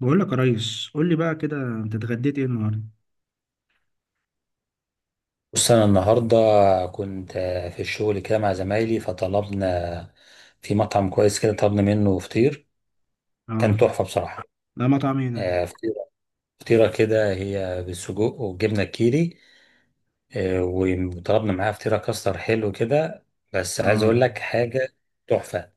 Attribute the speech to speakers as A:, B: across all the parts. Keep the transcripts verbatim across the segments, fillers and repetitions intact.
A: بقول لك يا ريس، قول لي بقى كده، انت اتغديت ايه النهارده؟
B: بص انا النهارده كنت في الشغل كده مع زمايلي، فطلبنا في مطعم كويس كده. طلبنا منه فطير، كان
A: اه.
B: تحفه بصراحه.
A: ده مطعم ايه ده؟
B: آه، فطيره فطيره كده هي بالسجق والجبنه الكيري. آه، وطلبنا معاها فطيره كاستر حلو كده. بس عايز اقول
A: اه،
B: لك حاجه تحفه،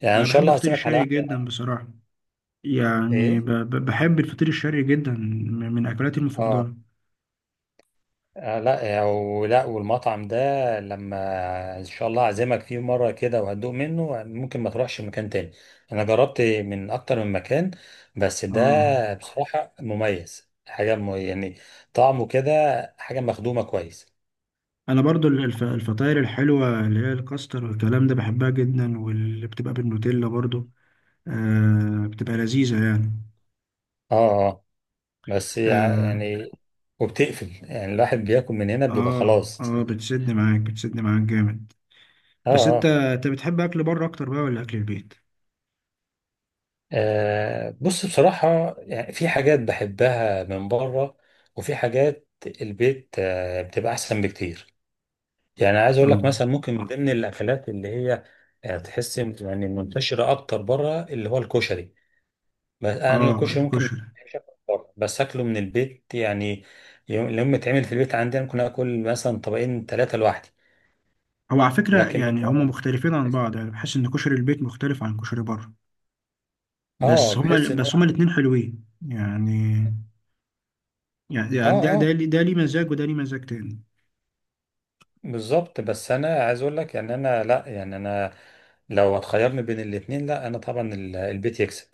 B: يعني ان
A: انا
B: شاء
A: بحب
B: الله
A: الفطير
B: هعزمك على
A: الشرقي
B: واحده.
A: جدا بصراحه. يعني ب
B: ايه،
A: ب بحب الفطير الشرقي جدا، م- من اكلاتي
B: اه،
A: المفضله.
B: آه لا، آه، ولا والمطعم ده لما ان شاء الله اعزمك فيه مره كده وهتدوق منه، ممكن ما تروحش مكان تاني. انا جربت من اكتر من مكان، بس ده
A: اه،
B: بصراحه مميز حاجه، م- يعني طعمه كده حاجه مخدومه كويس.
A: انا برضو ال- الف الفطاير الحلوه اللي هي الكاستر والكلام ده بحبها جدا، واللي بتبقى بالنوتيلا برضو آه بتبقى لذيذه يعني.
B: اه، اه. بس يع-
A: اه
B: يعني وبتقفل، يعني الواحد بياكل من هنا بيبقى
A: اه,
B: خلاص.
A: آه، بتسد معاك، بتسد معاك جامد. بس
B: اه،
A: انت
B: اه.
A: انت بتحب اكل بره اكتر بقى ولا اكل البيت؟
B: آه بص بصراحة يعني في حاجات بحبها من بره، وفي حاجات البيت آه بتبقى أحسن بكتير. يعني عايز أقول لك
A: اه.
B: مثلا ممكن من ضمن الأكلات اللي هي آه تحس يعني منتشرة أكتر بره، اللي هو الكشري. بس أنا
A: اه
B: الكشري ممكن ما
A: الكشري.
B: بحبش أكله بره، بس أكله من البيت يعني. يوم لما يتعمل في البيت عندي أنا ممكن آكل مثلا طبقين ثلاثة لوحدي.
A: هو على فكرة
B: لكن من
A: يعني هما
B: بره،
A: مختلفين عن بعض، يعني بحس إن كشري البيت مختلف عن كشري بره،
B: اه
A: بس هما
B: بحس ان هو.
A: بس هما الاتنين حلوين يعني.
B: اه،
A: يعني ده
B: اه،
A: ده ليه، ده ليه مزاج وده ليه مزاج تاني.
B: بالظبط. بس انا عايز اقول لك، يعني انا لا، يعني انا لو هتخيرني بين الاتنين، لا انا طبعا ال- البيت يكسب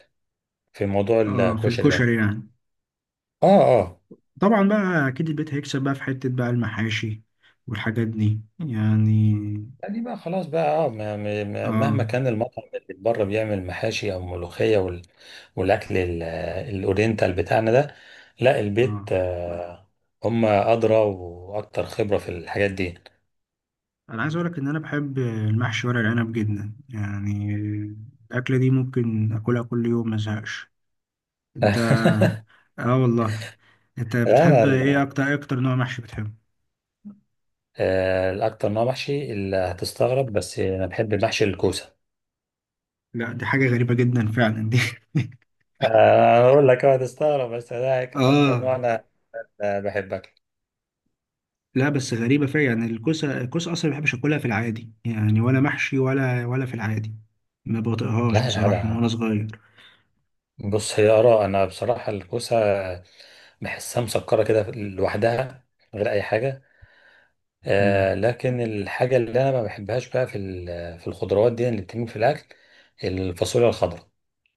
B: في موضوع
A: اه، في
B: الكشري ده.
A: الكشري يعني.
B: اه، اه.
A: طبعا بقى أكيد البيت هيكسب بقى في حتة بقى المحاشي والحاجات دي يعني.
B: يعني بقى خلاص بقى اه، ما- ما- ما- مهما
A: اه
B: كان المطعم اللي بره بيعمل محاشي او ملوخيه وال- والاكل ال- الاورينتال بتاعنا ده، لا
A: اه.
B: البيت آه، هم ادرى واكتر خبره في الحاجات دي.
A: أنا عايز أقولك إن أنا بحب المحشي ورق العنب جدا يعني. الأكلة دي ممكن أكلها كل يوم مزهقش. أنت؟ اه والله. انت بتحب
B: لا،
A: ايه
B: لا.
A: اكتر، ايه اكتر نوع محشي بتحبه؟
B: آه، الأكتر نوع محشي اللي هتستغرب بس أنا بحب محشي الكوسة.
A: لا، دي حاجة غريبة جدا فعلا دي.
B: آه، أنا أقول لك أه هتستغرب بس ده أكتر
A: اه.
B: نوع أنا آه، بحبه.
A: لا بس غريبة فعلا يعني، الكوسة، الكوسة اصلا ما بحبش اكلها في العادي يعني، ولا محشي ولا ولا في العادي. ما بطيقهاش
B: لا، لا،
A: بصراحة من
B: لا.
A: وانا صغير.
B: بص هي آراء، أنا بصراحة الكوسة بحسها مسكرة كده لوحدها من غير أي حاجة.
A: مم.
B: آه لكن الحاجة اللي أنا ما بحبهاش بقى في ال- في الخضروات دي اللي بتتم في الأكل، الفاصوليا الخضراء.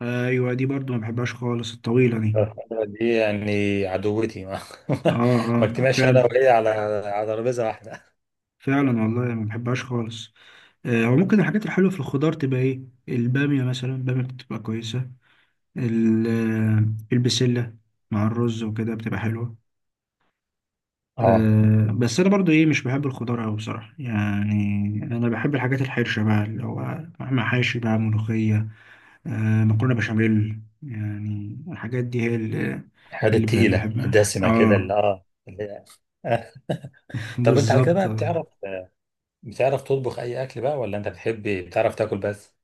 A: ايوه دي برضو ما بحبهاش خالص الطويلة دي.
B: الخضراء دي يعني عدوتي. ما,
A: اه، اه
B: ما اجتمعش أنا
A: فعلا.
B: وهي على على ترابيزة واحدة.
A: فعلا والله ما بحبهاش خالص. آه، هو ممكن الحاجات الحلوة في الخضار تبقى ايه؟ البامية مثلا البامية بتبقى كويسة. ال- آه، البسلة مع الرز وكده بتبقى حلوة.
B: اه،
A: أه بس انا برضو ايه مش بحب الخضار اوي بصراحه يعني. انا بحب الحاجات الحرشه بقى اللي هو مهما حاشي بقى ملوخيه، أه مكرونه بشاميل، يعني الحاجات دي هي اللي,
B: الحاجات
A: اللي ب-
B: التقيلة
A: بحبها
B: الدسمة كده
A: اه.
B: اللي اه اللي هي- طب أنت على كده
A: بالظبط
B: بقى
A: آه.
B: بتعرف، بتعرف تطبخ أي أكل بقى؟ ولا أنت بتحب بتعرف تاكل بس؟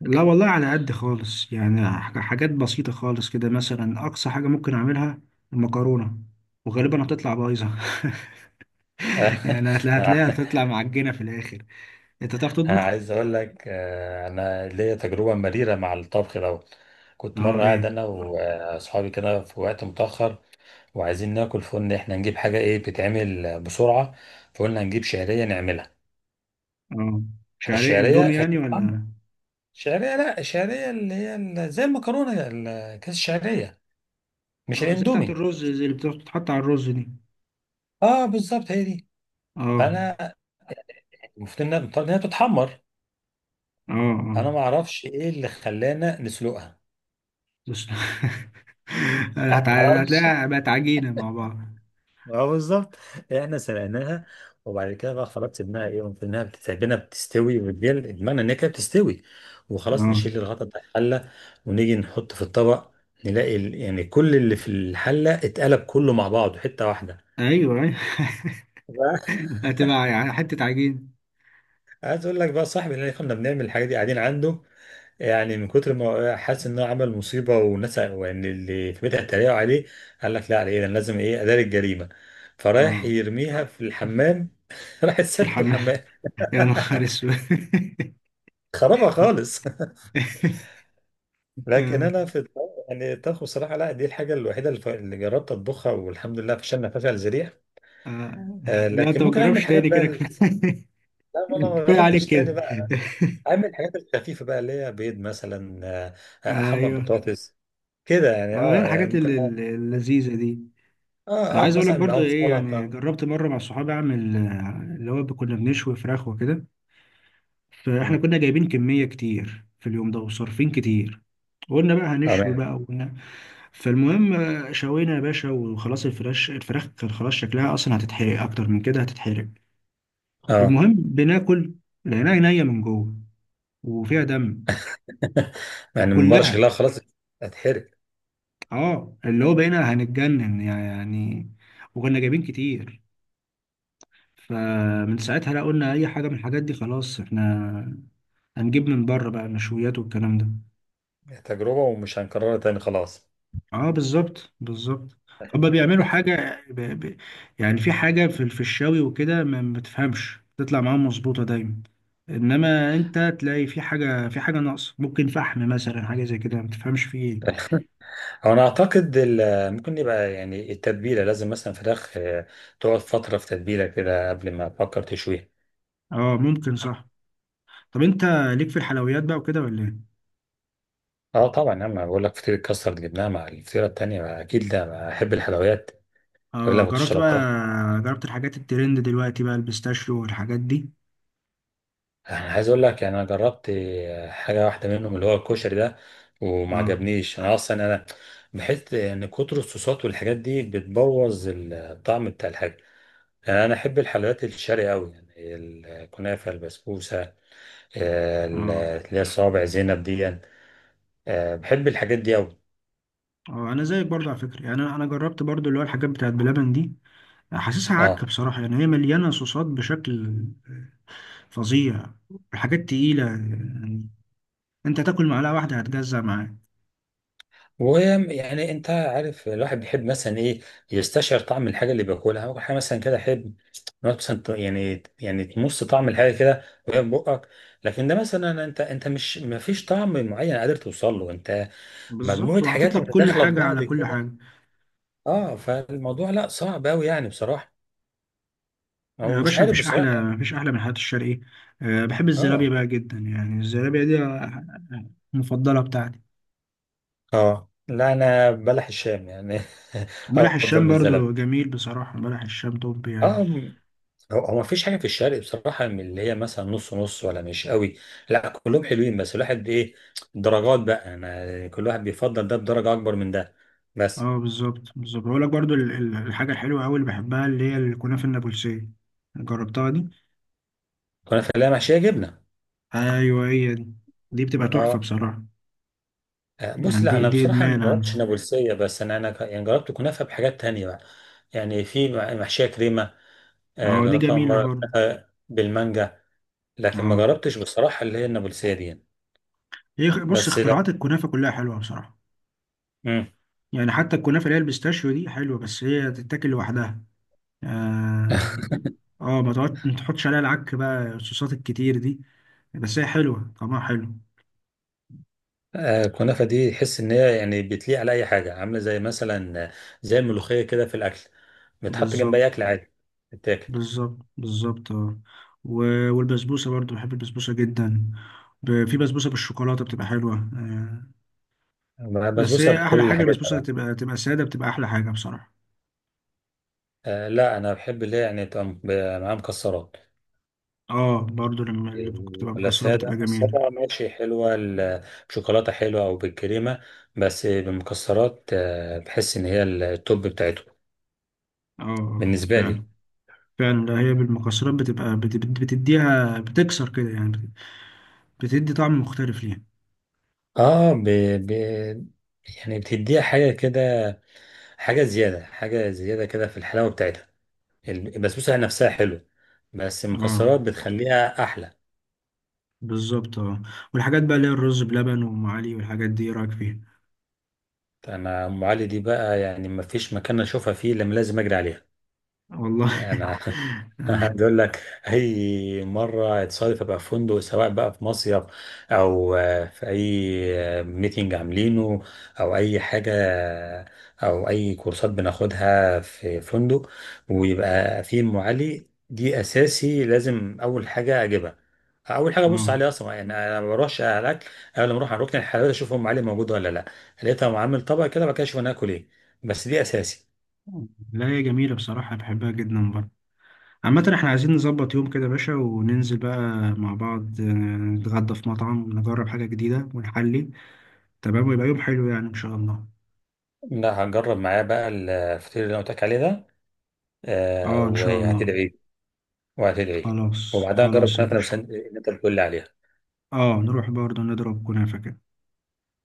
A: لا والله على قد خالص يعني، ح- حاجات بسيطه خالص كده. مثلا اقصى حاجه ممكن اعملها المكرونه، وغالبا هتطلع بايظه. يعني هتلاقيها هتلاقيها هتطلع معجنه في الاخر. انت تعرف
B: أنا
A: تطبخ؟
B: عايز أقول لك آه، أنا ليا تجربة مريرة مع الطبخ دوت. كنت
A: اه
B: مرة قاعد
A: ايه.
B: أنا وأصحابي كده في وقت متأخر وعايزين ناكل، فقلنا إحنا نجيب حاجة إيه بتتعمل بسرعة. فقلنا نجيب شعرية نعملها.
A: اه، مش عارف
B: الشعرية
A: اندومي
B: هي
A: يعني
B: بتتعمل
A: ولا؟
B: شعرية. لا، الشعرية اللي هي ال- زي المكرونة، ال- كيس الشعرية، مش
A: آه زي بتاعت
B: الإندومي.
A: الرز، زي اللي بتتحط على الرز دي.
B: أه بالظبط هي دي.
A: اه.
B: فأنا المفروض إنها إنها بتتحمر.
A: اه اه.
B: أنا ما أعرفش إيه اللي خلانا نسلقها.
A: بس- هت-
B: أنا معرفش.
A: هتلاقيها بقت عجينة مع بعض.
B: اه، بالظبط. إيه، احنا سلقناها، وبعد كده بقى خلاص سيبناها. ايه، قمت انها بتتعبنا بتستوي وبتجل، بمعنى ان هي كده بتستوي، وخلاص
A: اه
B: نشيل الغطا بتاع الحله ونيجي نحط في الطبق، نلاقي ال- يعني كل اللي في الحله اتقلب كله مع بعضه حته واحده.
A: ايوه ايوه.
B: بقى-
A: هتبقى يعني حتة عجينة.
B: عايز اقول لك بقى، صاحبي اللي كنا بنعمل الحاجات دي قاعدين عنده، يعني من كتر ما حاسس ان هو عمل مصيبه والناس يعني اللي في بيتها اتريقوا عليه، قال لك لا على ايه ده، أنا لازم ايه اداري الجريمه. فرايح
A: اه،
B: يرميها في الحمام. راح
A: في
B: تسدد
A: الحمام؟
B: الحمام،
A: يا نهار اسود.
B: خربها خالص. لكن
A: آه،
B: انا في الطبخ- يعني الطبخ بصراحه، لا، دي الحاجه الوحيده اللي ف- اللي جربت اطبخها والحمد لله فشلنا فشل ذريع.
A: آه.
B: آه،
A: لا انت
B: لكن
A: ما
B: ممكن اعمل
A: تجربش
B: حاجات
A: تاني،
B: بقى
A: كده
B: ال-
A: كفاية.
B: لا ما انا ما
A: كفاية عليك
B: جربتش تاني
A: كده.
B: بقى. اعمل الحاجات الخفيفه بقى اللي هي بيض مثلا، آه، آه، احمر
A: ايوه.
B: بطاطس كده، يعني
A: اه هي
B: اه
A: الحاجات الل-
B: ممكن.
A: الل- اللذيذة دي.
B: اه،
A: انا
B: اه،
A: عايز اقول لك
B: مثلا
A: برضو
B: معاهم
A: ايه، يعني
B: سلطه.
A: جربت مره مع صحابي اعمل آه، اللي هو كنا بنشوي فراخ وكده. فاحنا
B: امم
A: كنا جايبين كميه كتير في اليوم ده، وصارفين كتير. قلنا بقى هنشوي
B: تمام.
A: بقى، وقلنا. فالمهم آه، شوينا يا باشا، وخلاص الفراخ، الفراخ كان خلاص شكلها اصلا هتتحرق، اكتر من كده هتتحرق.
B: اه.
A: المهم بناكل، لقيناها نيه من جوه وفيها دم.
B: يعني من بره
A: وكلها
B: شكلها خلاص هتحرق.
A: اه، اللي هو بقينا هنتجنن يعني، وكنا جايبين كتير. فمن ساعتها لا قلنا اي حاجه من الحاجات دي خلاص، احنا هنجيب من بره بقى مشويات والكلام ده.
B: تجربه ومش هنكررها تاني خلاص.
A: اه بالظبط بالظبط. هما بيعملوا حاجه ب... ب... يعني في حاجه في في الشاوي وكده ما ما بتفهمش تطلع معاهم مظبوطه دايما. انما انت تلاقي في حاجه، في حاجه ناقصه، ممكن فحم مثلا، حاجه زي كده ما تفهمش فيه ايه.
B: هو انا اعتقد ال- ممكن يبقى يعني التتبيله لازم، مثلا فراخ آه، تقعد فتره في تتبيله كده قبل ما افكر تشويها.
A: اه ممكن صح. طب انت ليك في الحلويات بقى وكده ولا ايه؟
B: اه طبعا يا عم، أنا بقول لك فطيره كاستر جبناها مع الفطيره التانيه، اكيد ده احب الحلويات. ولا
A: اه
B: ما
A: جربت
B: تشربها.
A: بقى، جربت الحاجات الترند دلوقتي بقى البيستاشيو والحاجات دي؟
B: انا عايز اقول لك يعني انا جربت آه، حاجه واحده منهم اللي هو الكشري ده، وما
A: اه،
B: عجبنيش. انا اصلا انا بحس ان كتر الصوصات والحاجات دي بتبوظ الطعم بتاع الحاجه. يعني انا احب الحلويات الشرقي قوي، يعني الكنافه، البسبوسه، آه،
A: اه.
B: اللي هي صوابع زينب دي يعني. آه، بحب الحاجات دي أوي.
A: اه انا زيك برضه على فكره، يعني انا انا جربت برضه اللي هو الحاجات بتاعت بلبن دي. حاسسها
B: اه،
A: عك بصراحه يعني، هي مليانه صوصات بشكل فظيع. حاجات تقيله يعني، انت تاكل معلقه واحده هتجزع معاك.
B: ويعني انت عارف الواحد بيحب مثلا ايه، يستشعر طعم الحاجه اللي بياكلها اول حاجه مثلا كده احب. مثلا ت- يعني، يعني تمص طعم الحاجه كده وهي في بقك، لكن ده مثلا انت انت مش ما فيش طعم معين قادر توصل له انت.
A: بالظبط،
B: مجموعه
A: وحاطط
B: حاجات
A: لك كل
B: متداخله في
A: حاجه على
B: بعض
A: كل
B: كده.
A: حاجه.
B: اه، فالموضوع لا صعب قوي يعني بصراحه، او
A: يا
B: مش
A: باشا
B: عارف
A: مفيش
B: بصراحه
A: احلى،
B: يعني.
A: مفيش احلى من الحاجات الشرقيه. أه بحب
B: اه،
A: الزلابيه بقى جدا، يعني الزلابيه دي آه، المفضله بتاعتي.
B: اه، لا انا بلح الشام يعني.
A: بلح
B: افضل
A: الشام
B: من
A: برضه
B: الزلمه.
A: جميل بصراحه، بلح الشام توب يعني.
B: اه م- هو هو مفيش حاجه في الشرق بصراحه من اللي هي مثلا نص نص ولا مش قوي. لا كلهم حلوين، بس الواحد ايه، درجات بقى، انا كل واحد بيفضل ده بدرجه اكبر من ده بس.
A: اه بالظبط بالظبط. بقول لك برضو ال- ال- الحاجه الحلوه قوي اللي بحبها اللي هي الكنافه النابلسيه، جربتها دي؟
B: كنا في اللي محشيه جبنه.
A: ايوه هي دي، دي بتبقى تحفه
B: اه،
A: بصراحه.
B: آه، بص
A: يعني
B: لا
A: دي
B: انا
A: دي
B: بصراحه ما
A: ادمان عندي.
B: جربتش نابلسيه، بس انا، انا ك- يعني جربت كنافه بحاجات تانية بقى. يعني في م- محشيه كريمه، آه،
A: اه دي
B: جربتها
A: جميله
B: مره
A: برضو.
B: كنافة بالمانجا، لكن ما
A: اه
B: جربتش بصراحه اللي هي النابلسيه دي يعني.
A: هي خ- بص
B: بس لو
A: اختراعات الكنافه كلها حلوه بصراحه.
B: مم.
A: يعني حتى الكنافه اللي هي البيستاشيو دي حلوه، بس هي تتاكل لوحدها. اه. اه ما تقعد ما تحطش عليها العك بقى الصوصات الكتير دي. بس هي حلوه طعمها حلو.
B: آه، الكنافة دي تحس إن هي يعني بتليق على أي حاجة، عاملة زي مثلا آه، زي الملوخية كده في الأكل، بتحط جنب
A: بالظبط،
B: أي أكل عادي بتاكل.
A: بالظبط بالظبط اه. و- والبسبوسة برضو بحب البسبوسة جدا. ب- في بسبوسة بالشوكولاتة بتبقى حلوة آه، بس
B: بسبوسة
A: هي أحلى
B: بكل
A: حاجة
B: حاجاتها
A: البسبوسة
B: بقى،
A: بتبقى تبقى سادة، بتبقى أحلى حاجة بصراحة.
B: آه، لا أنا بحب اللي هي يعني تبقى م- معاها مكسرات.
A: اه برضو لما اللي
B: آه،
A: بتبقى
B: ولا
A: مكسرات بتبقى
B: سادة.
A: جميلة.
B: السادة ماشي حلوة، ال- بشوكولاتة حلوة أو بالكريمة، بس بالمكسرات آه، بحس إن هي التوب بتاعته
A: اه آه،
B: بالنسبة
A: فعلا.
B: لي.
A: فعلا، لا هي بالمكسرات بتبقى بت- بت- بتديها، بتكسر كده يعني، بت- بتدي طعم مختلف ليها.
B: آه ب... ب... يعني بتديها حاجة كده، حاجة زيادة، حاجة زيادة كده في الحلاوة بتاعتها. البسبوسة نفسها حلوة، بس
A: اه
B: المكسرات بتخليها أحلى.
A: بالظبط اه. والحاجات بقى اللي هي الرز بلبن وأم علي والحاجات دي إيه رأيك فيها؟
B: أنا أم علي دي بقى يعني مفيش مكان أشوفها فيه إلا لما لازم أجري عليها.
A: والله.
B: أنا
A: اه
B: عايز أقول لك، أي مرة اتصادف أبقى في فندق، سواء بقى في مصيف أو آه، في أي ميتنج عاملينه، أو أي حاجة، أو أي كورسات بناخدها في فندق، ويبقى في أم علي دي أساسي لازم أول حاجة أجيبها. اول حاجه ابص
A: اه.
B: عليه اصلا، يعني انا ما بروحش على الاكل قبل ما اروح على ركن الحلويات، اشوف ام علي موجود ولا لا. لقيتها، معامل طبق كده. بعد كده اشوف انا اكل ايه، بس دي اساسي.
A: لا هي جميلة بصراحة بحبها جدا برضه. عامة احنا عايزين نظبط يوم كده يا باشا وننزل بقى مع بعض آه، نتغدى في مطعم، نجرب حاجة جديدة ونحلي. تمام ويبقى يوم حلو يعني ان شاء الله.
B: لا هجرب معاه بقى الفطير اللي انا قلت لك عليه ده. آه
A: اه ان شاء الله.
B: وهتدعي لي، وهتدعي لي.
A: خلاص
B: وبعدها نجرب
A: خلاص يا
B: كنافه لو
A: باشا.
B: سن- اللي انت بتقول لي عليها.
A: اه نروح برضه نضرب كنافة كده.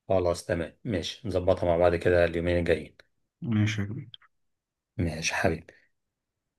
B: خلاص تمام ماشي، نظبطها مع بعض كده اليومين الجايين.
A: ماشي يا كبير.
B: ماشي حبيبي.